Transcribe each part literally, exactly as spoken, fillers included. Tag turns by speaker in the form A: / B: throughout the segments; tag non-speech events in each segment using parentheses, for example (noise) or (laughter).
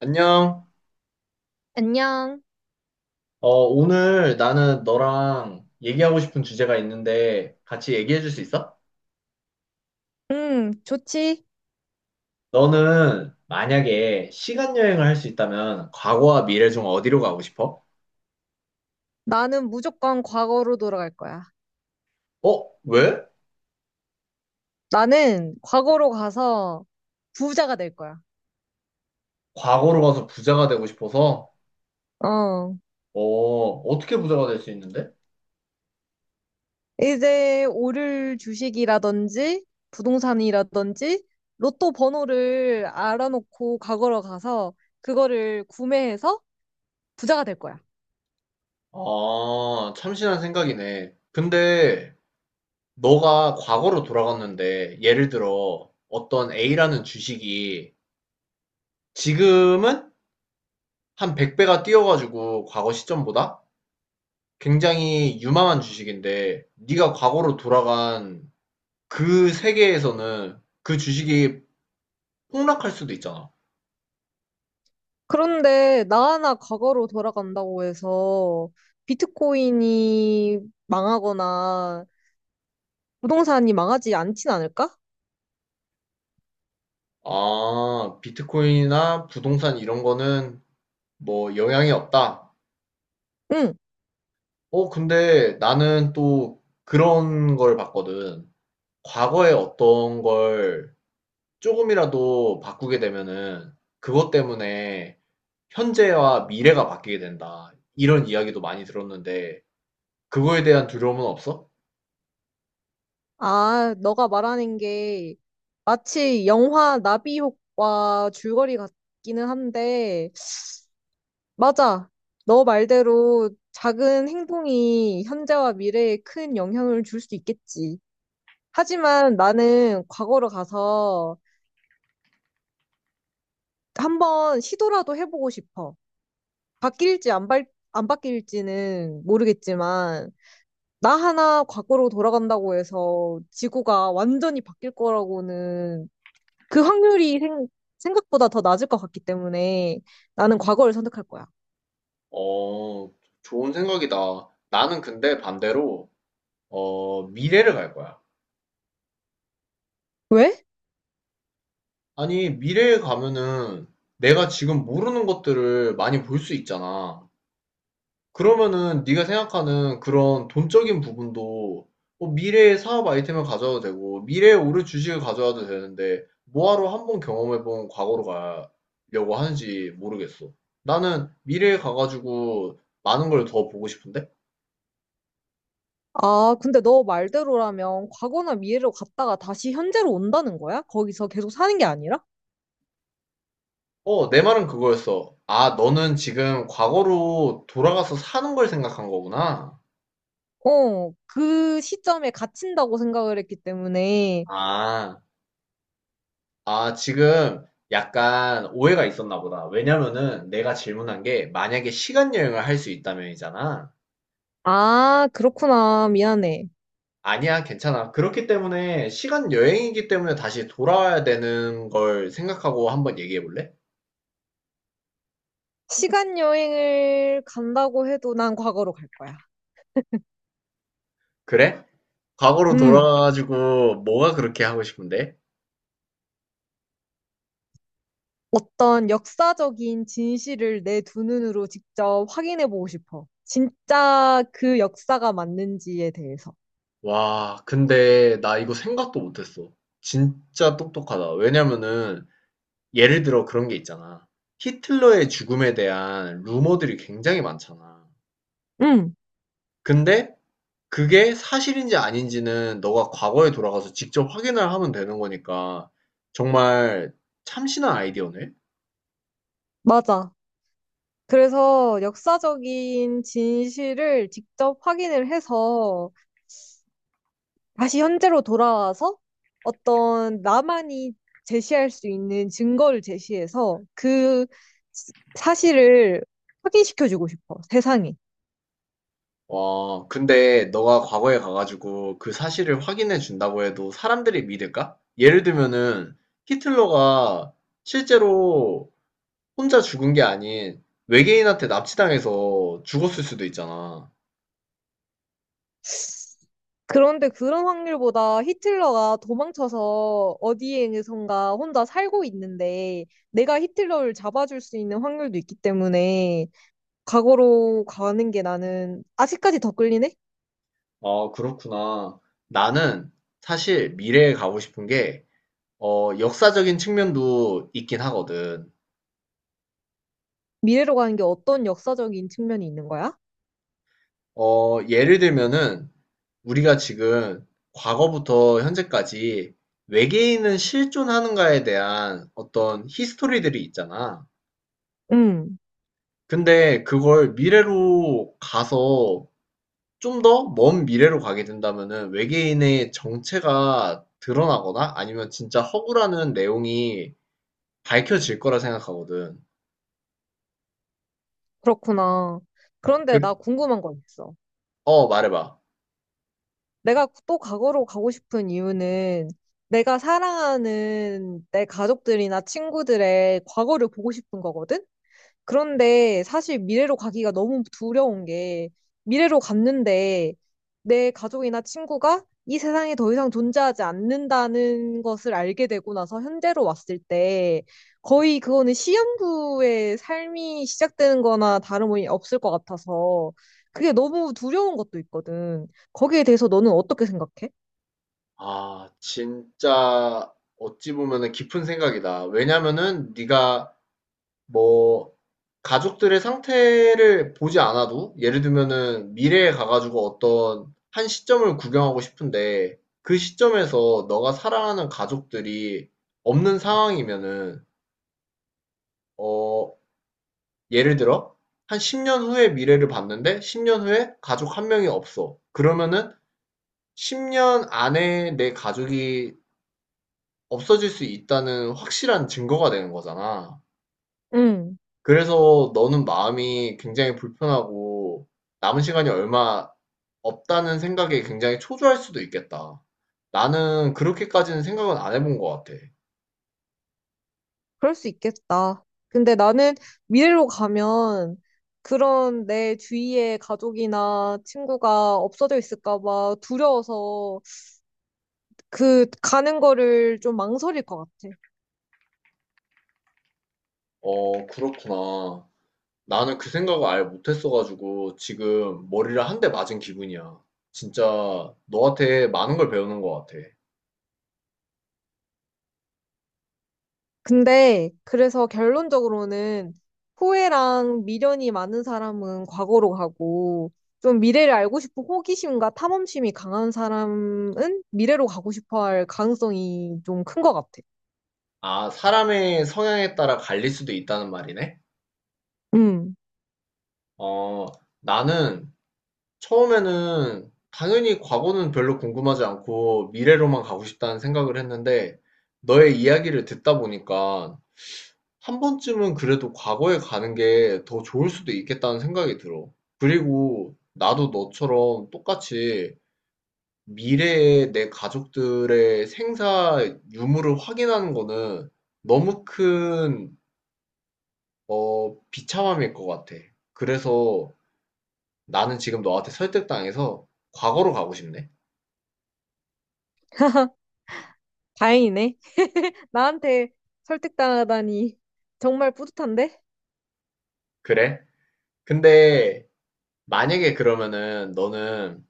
A: 안녕.
B: 안녕.
A: 어, 오늘 나는 너랑 얘기하고 싶은 주제가 있는데 같이 얘기해 줄 수 있어?
B: 음, 좋지.
A: 너는 만약에 시간 여행을 할 수 있다면 과거와 미래 중 어디로 가고 싶어?
B: 나는 무조건 과거로 돌아갈 거야.
A: 어, 왜?
B: 나는 과거로 가서 부자가 될 거야.
A: 과거로 가서 부자가 되고 싶어서?
B: 어.
A: 어, 어떻게 부자가 될 수 있는데?
B: 이제 오를 주식이라든지 부동산이라든지 로또 번호를 알아놓고 과거로 가서 그거를 구매해서 부자가 될 거야.
A: 아, 참신한 생각이네. 근데 너가 과거로 돌아갔는데 예를 들어 어떤 A라는 주식이 지금은 한 백 배가 뛰어가지고 과거 시점보다 굉장히 유망한 주식인데 네가 과거로 돌아간 그 세계에서는 그 주식이 폭락할 수도 있잖아.
B: 그런데 나 하나 과거로 돌아간다고 해서 비트코인이 망하거나 부동산이 망하지 않진 않을까?
A: 아, 비트코인이나 부동산 이런 거는 뭐 영향이 없다.
B: 응.
A: 어, 근데 나는 또 그런 걸 봤거든. 과거에 어떤 걸 조금이라도 바꾸게 되면은 그것 때문에 현재와 미래가 바뀌게 된다. 이런 이야기도 많이 들었는데 그거에 대한 두려움은 없어?
B: 아, 너가 말하는 게 마치 영화 나비효과 줄거리 같기는 한데, 맞아. 너 말대로 작은 행동이 현재와 미래에 큰 영향을 줄 수 있겠지. 하지만 나는 과거로 가서 한번 시도라도 해보고 싶어. 바뀔지 안, 바, 안 바뀔지는 모르겠지만, 나 하나 과거로 돌아간다고 해서 지구가 완전히 바뀔 거라고는 그 확률이 생, 생각보다 더 낮을 것 같기 때문에 나는 과거를 선택할 거야.
A: 어, 좋은 생각이다. 나는 근데 반대로, 어, 미래를 갈 거야.
B: 왜?
A: 아니, 미래에 가면은 내가 지금 모르는 것들을 많이 볼 수 있잖아. 그러면은 네가 생각하는 그런 돈적인 부분도 뭐 미래의 사업 아이템을 가져와도 되고, 미래에 오를 주식을 가져와도 되는데, 뭐하러 한번 경험해본 과거로 가려고 하는지 모르겠어. 나는 미래에 가가지고 많은 걸 더 보고 싶은데?
B: 아, 근데 너 말대로라면 과거나 미래로 갔다가 다시 현재로 온다는 거야? 거기서 계속 사는 게 아니라?
A: 어, 내 말은 그거였어. 아, 너는 지금 과거로 돌아가서 사는 걸 생각한 거구나.
B: 어, 그 시점에 갇힌다고 생각을 했기 때문에.
A: 아, 아, 지금 약간 오해가 있었나 보다. 왜냐면은 내가 질문한 게 만약에 시간 여행을 할 수 있다면이잖아.
B: 아, 그렇구나. 미안해.
A: 아니야, 괜찮아. 그렇기 때문에 시간 여행이기 때문에 다시 돌아와야 되는 걸 생각하고 한번 얘기해 볼래?
B: 시간 여행을 간다고 해도 난 과거로 갈 거야.
A: 그래? 과거로
B: 음.
A: 돌아가가지고 뭐가 그렇게 하고 싶은데?
B: 어떤 역사적인 진실을 내 두 눈으로 직접 확인해 보고 싶어. 진짜 그 역사가 맞는지에 대해서.
A: 와, 근데 나 이거 생각도 못했어. 진짜 똑똑하다. 왜냐면은 예를 들어 그런 게 있잖아. 히틀러의 죽음에 대한 루머들이 굉장히 많잖아.
B: 응,
A: 근데 그게 사실인지 아닌지는 너가 과거에 돌아가서 직접 확인을 하면 되는 거니까 정말 참신한 아이디어네.
B: 맞아. 그래서 역사적인 진실을 직접 확인을 해서 다시 현재로 돌아와서 어떤 나만이 제시할 수 있는 증거를 제시해서 그 시- 사실을 확인시켜 주고 싶어, 세상에.
A: 와, 근데 너가 과거에 가가지고 그 사실을 확인해 준다고 해도 사람들이 믿을까? 예를 들면은 히틀러가 실제로 혼자 죽은 게 아닌 외계인한테 납치당해서 죽었을 수도 있잖아.
B: 그런데 그런 확률보다 히틀러가 도망쳐서 어디에선가 혼자 살고 있는데 내가 히틀러를 잡아줄 수 있는 확률도 있기 때문에 과거로 가는 게 나는 아직까지 더 끌리네?
A: 아, 그렇구나. 나는 사실 미래에 가고 싶은 게, 어, 역사적인 측면도 있긴 하거든.
B: 미래로 가는 게 어떤 역사적인 측면이 있는 거야?
A: 어, 예를 들면은 우리가 지금 과거부터 현재까지 외계인은 실존하는가에 대한 어떤 히스토리들이 있잖아.
B: 음,
A: 근데 그걸 미래로 가서 좀 더 먼 미래로 가게 된다면은 외계인의 정체가 드러나거나 아니면 진짜 허구라는 내용이 밝혀질 거라 생각하거든.
B: 그렇구나. 그런데 나
A: 그-
B: 궁금한 거 있어.
A: 어, 말해봐.
B: 내가 또 과거로 가고 싶은 이유는 내가 사랑하는 내 가족들이나 친구들의 과거를 보고 싶은 거거든? 그런데 사실 미래로 가기가 너무 두려운 게 미래로 갔는데 내 가족이나 친구가 이 세상에 더 이상 존재하지 않는다는 것을 알게 되고 나서 현재로 왔을 때 거의 그거는 시한부의 삶이 시작되는 거나 다름이 없을 것 같아서 그게 너무 두려운 것도 있거든. 거기에 대해서 너는 어떻게 생각해?
A: 아, 진짜 어찌 보면은 깊은 생각이다. 왜냐면은 네가 뭐 가족들의 상태를 보지 않아도 예를 들면은 미래에 가가지고 어떤 한 시점을 구경하고 싶은데 그 시점에서 너가 사랑하는 가족들이 없는 상황이면은 어, 예를 들어 한 십 년 후의 미래를 봤는데 십 년 후에 가족 한 명이 없어. 그러면은 십 년 안에 내 가족이 없어질 수 있다는 확실한 증거가 되는 거잖아. 그래서 너는 마음이 굉장히 불편하고 남은 시간이 얼마 없다는 생각에 굉장히 초조할 수도 있겠다. 나는 그렇게까지는 생각은 안 해본 것 같아.
B: 그럴 수 있겠다. 근데 나는 미래로 가면 그런 내 주위에 가족이나 친구가 없어져 있을까 봐 두려워서 그 가는 거를 좀 망설일 것 같아.
A: 어, 그렇구나. 나는 그 생각을 아예 못했어가지고 지금 머리를 한 대 맞은 기분이야. 진짜 너한테 많은 걸 배우는 것 같아.
B: 근데 그래서 결론적으로는 후회랑 미련이 많은 사람은 과거로 가고 좀 미래를 알고 싶은 호기심과 탐험심이 강한 사람은 미래로 가고 싶어 할 가능성이 좀 큰 것 같아.
A: 아, 사람의 성향에 따라 갈릴 수도 있다는 말이네?
B: 음,
A: 어, 나는 처음에는 당연히 과거는 별로 궁금하지 않고 미래로만 가고 싶다는 생각을 했는데 너의 이야기를 듣다 보니까 한 번쯤은 그래도 과거에 가는 게 더 좋을 수도 있겠다는 생각이 들어. 그리고 나도 너처럼 똑같이 미래에 내 가족들의 생사 유무를 확인하는 거는 너무 큰, 어, 비참함일 것 같아. 그래서 나는 지금 너한테 설득당해서 과거로 가고 싶네.
B: 다행이네. 나한테 설득당하다니 정말 뿌듯한데?
A: 그래? 근데 만약에 그러면은 너는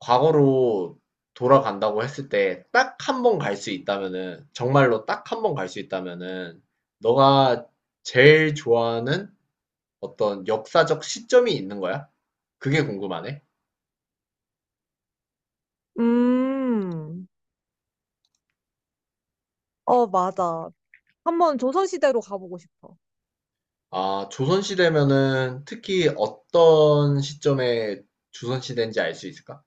A: 과거로 돌아간다고 했을 때 딱 한 번 갈 수 있다면은, 정말로 딱 한 번 갈 수 있다면은, 너가 제일 좋아하는 어떤 역사적 시점이 있는 거야? 그게 궁금하네.
B: 음, 어, 맞아. 한번 조선시대로 가보고 싶어.
A: 아, 조선시대면은 특히 어떤 시점에 조선시대인지 알 수 있을까?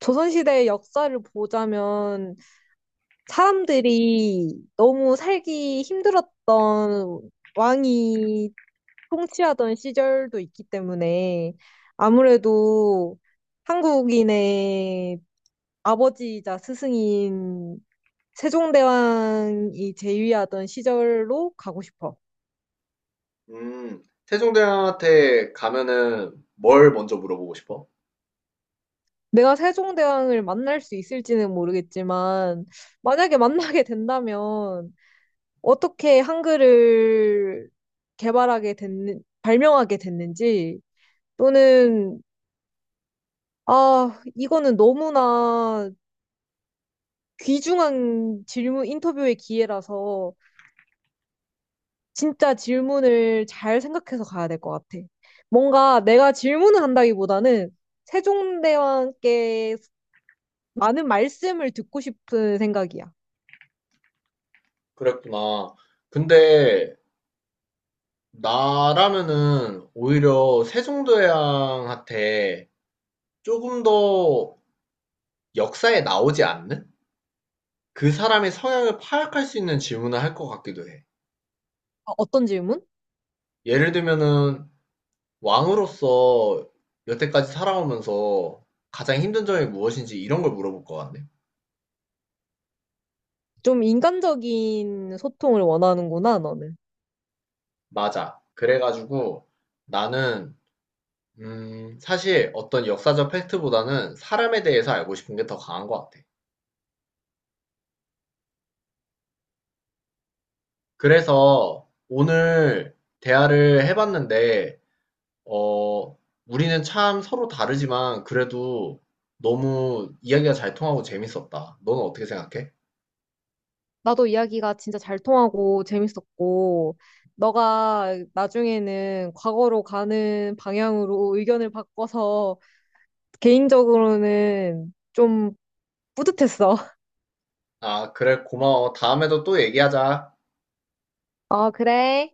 B: 조선시대의 역사를 보자면 사람들이 너무 살기 힘들었던 왕이 통치하던 시절도 있기 때문에 아무래도 한국인의 아버지이자 스승인 세종대왕이 재위하던 시절로 가고 싶어.
A: 음, 세종대왕한테 가면은 뭘 먼저 물어보고 싶어?
B: 내가 세종대왕을 만날 수 있을지는 모르겠지만, 만약에 만나게 된다면, 어떻게 한글을 개발하게 됐는, 발명하게 됐는지, 또는, 아, 이거는 너무나 귀중한 질문, 인터뷰의 기회라서, 진짜 질문을 잘 생각해서 가야 될 것 같아. 뭔가 내가 질문을 한다기보다는, 세종대왕께 많은 말씀을 듣고 싶은 생각이야.
A: 그랬구나. 근데 나라면은 오히려 세종대왕한테 조금 더 역사에 나오지 않는? 그 사람의 성향을 파악할 수 있는 질문을 할 것 같기도 해.
B: 어, 어떤 질문?
A: 예를 들면은 왕으로서 여태까지 살아오면서 가장 힘든 점이 무엇인지 이런 걸 물어볼 것 같네.
B: 좀 인간적인 소통을 원하는구나, 너는.
A: 맞아. 그래가지고 나는 음, 사실 어떤 역사적 팩트보다는 사람에 대해서 알고 싶은 게 더 강한 것 같아. 그래서 오늘 대화를 해봤는데 어, 우리는 참 서로 다르지만 그래도 너무 이야기가 잘 통하고 재밌었다. 너는 어떻게 생각해?
B: 나도 이야기가 진짜 잘 통하고 재밌었고, 너가 나중에는 과거로 가는 방향으로 의견을 바꿔서 개인적으로는 좀 뿌듯했어. (laughs)
A: 아, 그래, 고마워. 다음에도 또 얘기하자.
B: 어, 그래.